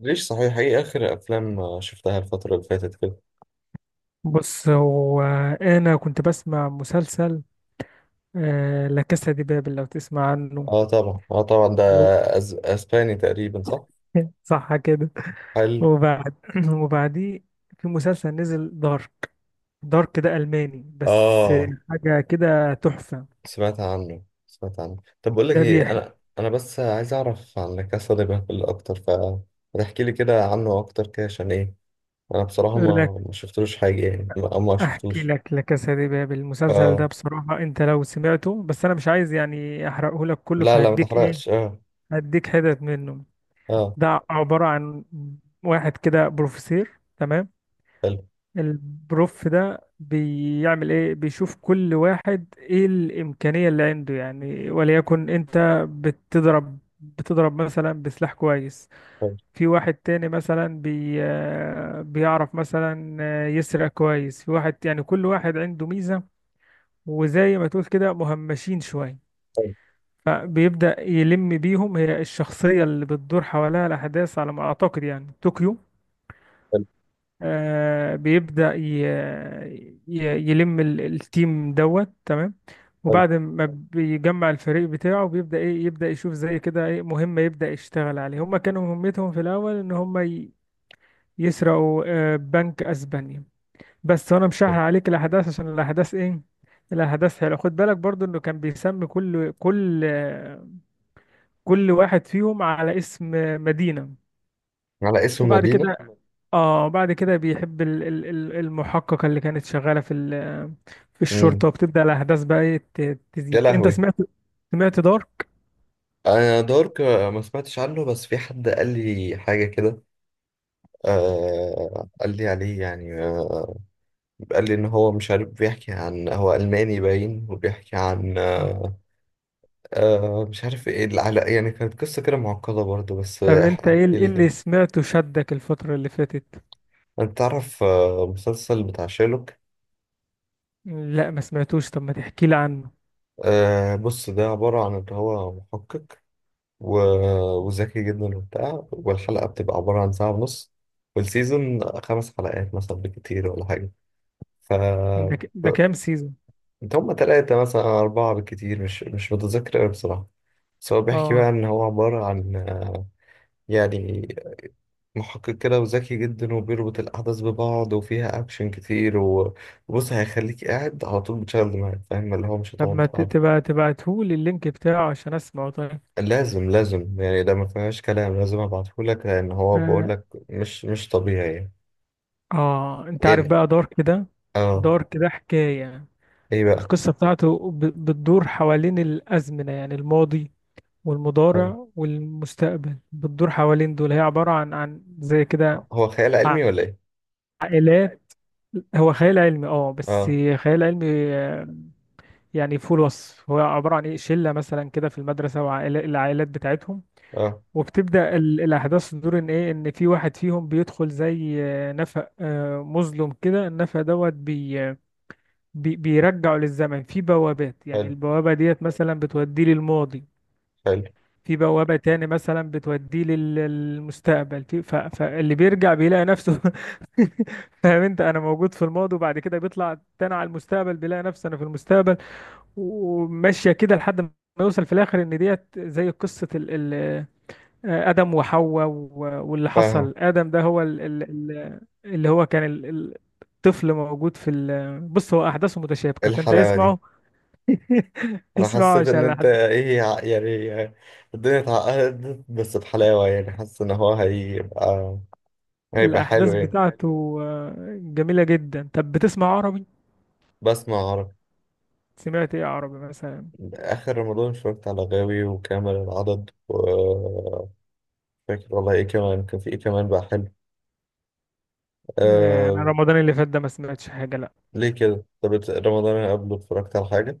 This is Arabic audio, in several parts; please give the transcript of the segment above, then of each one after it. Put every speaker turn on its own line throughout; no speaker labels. ليش صحيح ايه اخر افلام شفتها الفترة اللي فاتت كده؟
بص هو، انا كنت بسمع مسلسل. لا كاسا دي بابل، لو تسمع عنه.
اه طبعا، اه طبعا ده.
و-
اسباني تقريبا، صح؟
صح كده.
حلو.
وبعد وبعديه في مسلسل نزل، دارك. دارك ده الماني بس.
اه.
حاجه كده تحفه.
سمعت عنه، سمعت عنه. طب بقول لك
ده
ايه،
بيحكي
انا بس عايز اعرف عن لا كاسا دي بابل اكتر. فتحكي لي كده عنه اكتر كده، عشان ايه؟ انا بصراحة
لك.
ما شفتلوش حاجة، يعني ما
احكي
شفتوش.
لك لا كاسا دي بابل. المسلسل ده
اه،
بصراحه انت لو سمعته، بس انا مش عايز يعني احرقه لك كله،
لا لا ما
فهديك ايه،
تحرقش، اه.
هديك حتت منه.
اه.
ده عباره عن واحد كده بروفيسور، تمام.
حلو.
البروف ده بيعمل ايه؟ بيشوف كل واحد ايه الامكانية اللي عنده، يعني وليكن انت بتضرب مثلا بسلاح كويس.
حلو.
في واحد تاني مثلا بي آه، بيعرف مثلا يسرق كويس. في واحد، يعني كل واحد عنده ميزة. وزي ما تقول كده مهمشين شوية.
حلو.
فبيبدأ يلم بيهم. هي الشخصية اللي بتدور حواليها الأحداث على ما أعتقد يعني طوكيو. بيبدأ يلم التيم دوت، تمام.
حلو.
وبعد ما بيجمع الفريق بتاعه بيبدأ ايه، يبدأ يشوف زي كده ايه مهمة، يبدأ يشتغل عليها. هما كانوا مهمتهم في الأول ان هما يسرقوا بنك اسبانيا. بس انا مش
حلو.
هحرق عليك الاحداث عشان الاحداث ايه، الاحداث حلوه. خد بالك برضو انه كان بيسمي كل واحد فيهم على اسم مدينة.
على اسم
وبعد
مدينة.
كده، اه، بعد كده بيحب المحققة اللي كانت شغالة في في الشرطة،
امم.
وبتبدأ الأحداث بقى ايه
يا
تزيد. انت
لهوي.
سمعت؟ سمعت دارك؟
انا دارك ما سمعتش عنه، بس في حد قال لي حاجه كده. آه، قال لي عليه يعني قال لي ان هو مش عارف، بيحكي عن هو الماني باين، وبيحكي عن
آه.
مش عارف ايه العلاقه، يعني كانت قصه كده معقده برضه، بس
طب انت ايه
احكي
إيه
لي
اللي
كده.
سمعته شدك الفترة اللي فاتت؟
انت تعرف مسلسل بتاع شيرلوك؟
لا، ما سمعتوش، طب ما تحكي لي عنه.
آه، بص ده عباره عن ان هو محقق. و- وذكي جدا وبتاع، والحلقه بتبقى عباره عن ساعه ونص. والسيزون خمس حلقات مثلا بكتير ولا حاجه.
ده
ف
كام سيزون؟
انت هما تلاتة مثلا أو أربعة بالكتير، مش متذكر أوي بصراحة. بس هو بيحكي بقى
اه.
إن هو عبارة عن يعني محقق كده وذكي جدا، وبيربط الأحداث ببعض، وفيها أكشن كتير وبص هيخليك قاعد على طول بتشغل دماغك، فاهم؟ اللي هو مش
طب
هتقعد
ما
قاعد.
تبقى تبعتهولي اللينك بتاعه عشان اسمعه، طيب.
لازم لازم يعني، ده ما فيهاش كلام، لازم أبعتهولك، لأن هو
اه.
بقولك مش طبيعي يعني.
انت عارف
يعني
بقى دارك ده؟
اه.
دارك ده حكاية.
ايه بقى.
القصة بتاعته بتدور حوالين الأزمنة، يعني الماضي
حلو.
والمضارع والمستقبل، بتدور حوالين دول. هي عبارة عن زي كده
هو خيال علمي ولا ايه؟
عائلات. هو خيال علمي، اه، بس
اه.
خيال علمي. آه، يعني فوق الوصف. هو عبارة عن ايه، شلة مثلا كده في المدرسة، وعائلات العائلات بتاعتهم.
اه.
وبتبدأ الأحداث تدور إن إيه، إن في واحد فيهم بيدخل زي نفق مظلم كده. النفق دوت بيرجعه للزمن، في بوابات، يعني
حلو.
البوابة ديت مثلا بتوديه للماضي،
حلو.
في بوابة تاني مثلا بتوديه للمستقبل. في فاللي بيرجع بيلاقي نفسه. فاهم انت؟ انا موجود في الماضي، وبعد كده بيطلع تاني على المستقبل بيلاقي نفسه انا في المستقبل. وماشية كده لحد ما يوصل في الآخر إن ديت زي قصة ال ال آدم وحواء واللي
فاهم.
حصل. آدم ده هو ال ال ال اللي هو كان ال- ال- الطفل موجود في ال. بص هو أحداثه
إيه
متشابكة، فأنت
الحلاوة دي.
اسمعه.
انا
اسمعه
حسيت ان انت
عشان
ايه يعني الدنيا اتعقدت بس بحلاوة يعني، حاسس ان هو هيبقى، هيبقى
الأحداث
حلو
حلو حلو
يعني.
بتاعته جميلة جدا. طب بتسمع عربي؟
بسمع عربي.
سمعت إيه عربي مثلا؟
اخر رمضان اتفرجت على غاوي وكامل العدد فاكر والله ايه كمان، كان في ايه كمان بقى حلو؟
أنا
آه...
رمضان اللي فات ده ما سمعتش حاجة، لأ.
ليه كده؟ طب رمضان اللي قبله اتفرجت على حاجة؟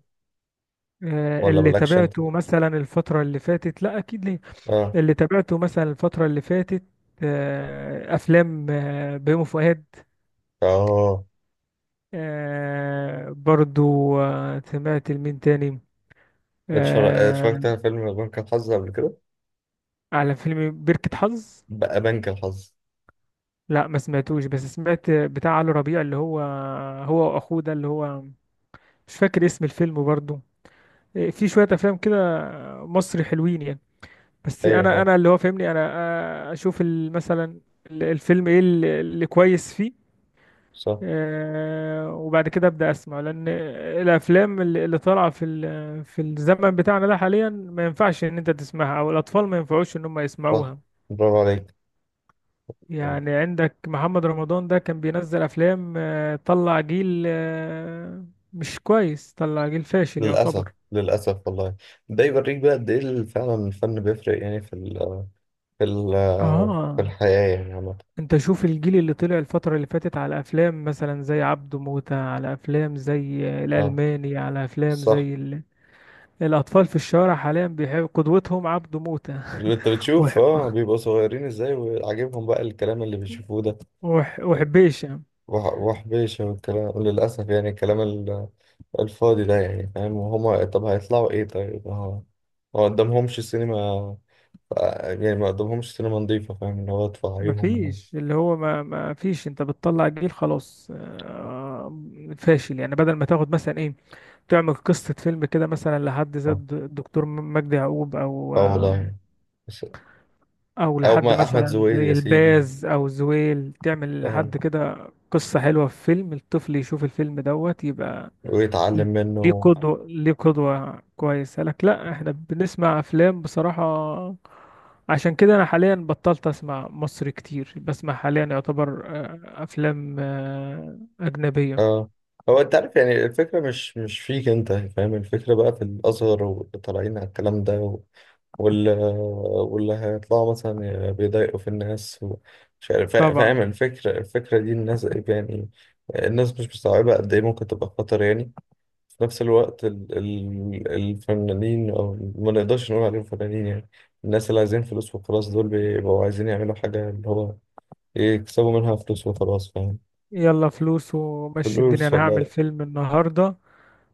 ولا
اللي
مالكش انت؟
تابعته مثلا الفترة اللي فاتت، لأ أكيد ليه.
اه.
اللي تابعته مثلا الفترة اللي فاتت أفلام بيومي فؤاد.
اه.
برضو سمعت لمين تاني.
اتفرجت
آه،
على فيلم بنك الحظ قبل كده.
على فيلم بركة حظ.
بقى بنك الحظ.
لأ ما سمعتوش، بس سمعت بتاع علي ربيع اللي هو، هو وأخوه ده اللي هو، مش فاكر اسم الفيلم برضو. إيه، في شوية افلام كده مصري حلوين يعني. بس
ايوه،
انا
صح،
انا اللي هو فاهمني انا اشوف مثلا الفيلم ايه اللي كويس فيه.
صح،
وبعد كده ابدا اسمع، لان الافلام اللي طالعه في في الزمن بتاعنا ده حاليا ما ينفعش ان انت تسمعها، او الاطفال ما ينفعوش ان هم
صح.
يسمعوها.
برافو عليك.
يعني عندك محمد رمضان ده كان بينزل افلام طلع جيل مش كويس، طلع جيل فاشل
للأسف
يعتبر.
للأسف والله. ده يوريك بقى قد إيه فعلا الفن بيفرق يعني في ال في
اه،
الحياة يعني عامة.
انت شوف الجيل اللي طلع الفترة اللي فاتت على افلام مثلا زي عبده موتة، على افلام زي
اه.
الالماني، على افلام
صح.
زي ال... الاطفال في الشارع حاليا بيحب قدوتهم عبده موتة
أنت
وح...
بتشوف بيبقوا صغيرين إزاي، وعاجبهم بقى الكلام اللي بيشوفوه ده.
وحبيشة.
وحبيشة، والكلام للأسف يعني، الكلام الفاضي ده، يعني فاهم؟ وهما طب هيطلعوا إيه؟ طيب، اه. ما قدامهمش سينما. يعني ما قدامهمش سينما نظيفة، فاهم؟ اللي هو تفعيهم.
مفيش اللي هو ما فيش، انت بتطلع جيل خلاص فاشل، يعني بدل ما تاخد مثلا ايه، تعمل قصة فيلم كده مثلا لحد زي
اه.
الدكتور مجدي يعقوب، او
آه والله. بس-
او
أو
لحد
ما أحمد
مثلا
زويل
زي
يا سيدي.
الباز او زويل، تعمل
فاهم.
لحد كده قصة حلوة في فيلم، الطفل يشوف الفيلم دوت يبقى
ويتعلم
ليه
منه.
قدوة، ليه قدوة كويسة لك. لا، احنا بنسمع افلام بصراحة، عشان كده انا حاليا بطلت اسمع مصري كتير، بسمع حاليا يعتبر افلام اجنبية.
اه. هو انت عارف يعني، الفكرة مش فيك انت، فاهم؟ الفكرة بقى في الأزهر واللي طالعين على الكلام ده واللي واللي هيطلعوا مثلا بيضايقوا في الناس، ومش عارف فاهم
طبعا.
الفكرة. الفكرة دي الناس يعني، الناس مش مستوعبة قد ايه ممكن تبقى خطر يعني. في نفس الوقت ال ال الفنانين، او ما نقدرش نقول عليهم فنانين يعني، الناس اللي عايزين فلوس وخلاص، دول بيبقوا عايزين يعملوا حاجة اللي هو إيه، يكسبوا منها فلوس وخلاص، فاهم؟
يلا، فلوس ومشي الدنيا،
فلوس
انا هعمل
والله.
فيلم النهارده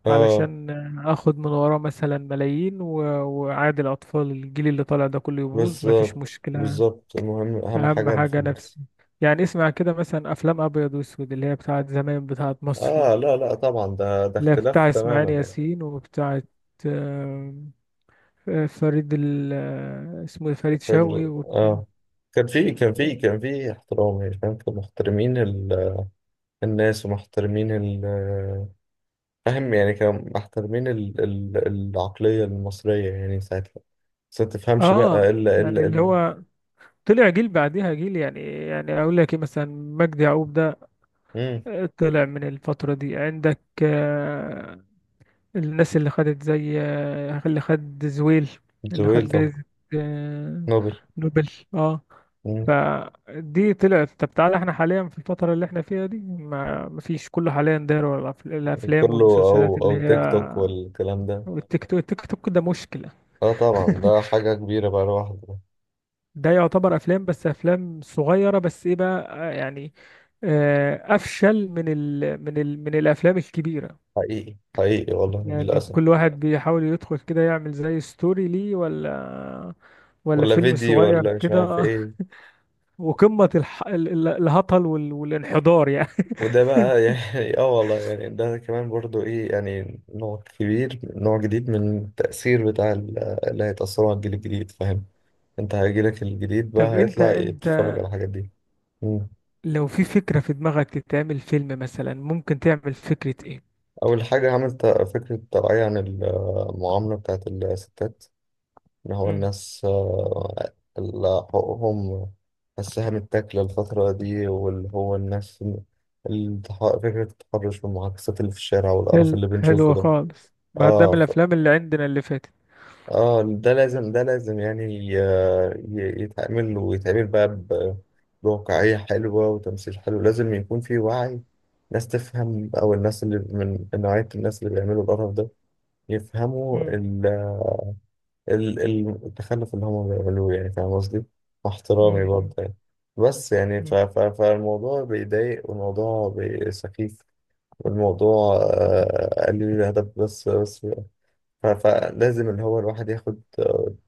اه.
علشان اخد من وراه مثلا ملايين وعادي الاطفال، الجيل اللي طالع ده كله يبوظ، مفيش
بالظبط
مشكله.
بالظبط، المهم اهم
اهم
حاجة
حاجه نفسي
الفلوس.
يعني اسمع كده مثلا افلام ابيض واسود اللي هي بتاعت زمان، بتاعت مصري،
اه. لا لا طبعا، ده
اللي هي
اختلاف
بتاع
تماما
اسماعيل
يعني.
ياسين وبتاعت آه، فريد ال... آه، اسمه إيه؟ فريد شوقي
فال-
وبتاع.
اه كان في احترام، يعني فاهم، كانوا محترمين الناس، ومحترمين فاهم يعني، كانوا محترمين العقلية المصرية يعني ساعتها. بس ما تفهمش بقى
اه، يعني اللي
الا.
هو طلع جيل بعديها جيل، يعني اقول لك ايه مثلا، مجدي يعقوب ده
امم.
طلع من الفترة دي. عندك الناس اللي خدت زي اللي خد زويل، اللي
زويل
خد
طبعا.
جائزة آه،
نوبل.
نوبل. اه.
مم.
فدي طلعت. طب تعالى احنا حاليا في الفترة اللي احنا فيها دي، ما مفيش، كله حاليا داير ورا الافلام
كله او
والمسلسلات اللي
او
هي
تيك توك والكلام ده.
والتيك توك. التيك توك ده مشكلة.
اه طبعا، ده حاجة كبيرة بقى لوحده.
ده يعتبر افلام، بس افلام صغيرة، بس ايه بقى افشل من ال من ال من الافلام الكبيرة،
حقيقي حقيقي والله،
يعني
للأسف.
كل واحد بيحاول يدخل كده يعمل زي ستوري ليه، ولا
ولا
فيلم
فيديو،
صغير
ولا مش عارف
كده.
ايه.
وقمة الهطل والانحدار يعني.
وده بقى يعني اه والله يعني، ده كمان برضو ايه يعني، نوع كبير، نوع جديد من التأثير بتاع اللي هيتأثروا على الجيل الجديد، فاهم؟ انت هيجيلك الجديد بقى
طب انت
هيطلع
انت
يتفرج على الحاجات دي. مم.
لو في فكرة في دماغك تتعمل فيلم مثلا ممكن تعمل فكرة ايه؟
أول حاجة عملت فكرة توعية عن المعاملة بتاعت الستات، اللي هو
مم.
الناس اللي حقوقهم السهم التاكلة الفترة دي، واللي هو الناس فكرة التحرش والمعاكسات اللي في الشارع، والقرف
حلو،
اللي بنشوفه
حلو
ده.
خالص، ما ده
اه
من الافلام اللي عندنا اللي فاتت.
اه ده لازم ده لازم يعني يتعمل ويتعمل بقى بواقعية حلوة وتمثيل حلو، لازم يكون في وعي، ناس تفهم. أو الناس اللي من نوعية الناس اللي بيعملوا القرف ده يفهموا
مم.
التخلف اللي هم بيعملوه، يعني فاهم قصدي؟ مع احترامي برضه
مم.
يعني، بس يعني ف
مم.
ف فالموضوع بيضايق، والموضوع سخيف، والموضوع قليل الهدف، بس بس فلازم اللي هو الواحد ياخد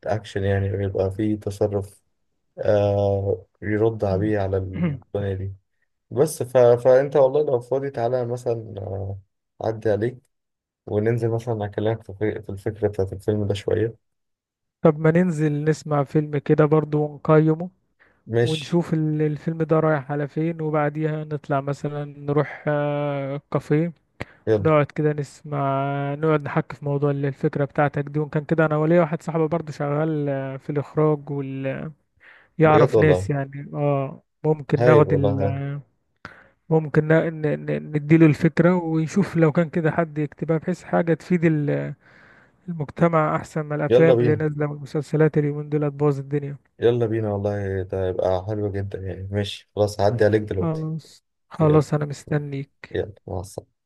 اكشن يعني، ويبقى فيه تصرف، يرد
مم.
بيه على
مم.
الدنيا دي. بس فانت والله لو فاضي تعالى مثلا أعدي عليك وننزل مثلا أكلمك في الفكرة بتاعت الفيلم ده شوية.
طب ما ننزل نسمع فيلم كده برضو ونقيمه،
ماشي.
ونشوف الفيلم ده رايح على فين، وبعديها نطلع مثلا نروح كافيه،
يلا.
نقعد كده نسمع، نقعد نحكي في موضوع الفكرة بتاعتك دي. وإن كان كده أنا وليا واحد صاحبي برضه شغال في الإخراج
بجد
يعرف
والله.
ناس، يعني اه ممكن
هايل
ناخد
والله
ال...
هايل.
ممكن نديله الفكرة ويشوف لو كان كده حد يكتبها بحيث حاجة تفيد المجتمع أحسن من
يلا
الأفلام اللي
بينا.
نازلة والمسلسلات اليومين دول هتبوظ الدنيا.
يلا بينا والله، ده هيبقى حلو جدا يعني. ماشي خلاص، هعدي عليك دلوقتي.
خلاص،
يلا.
خلاص أنا مستنيك.
يلا، مع السلامة.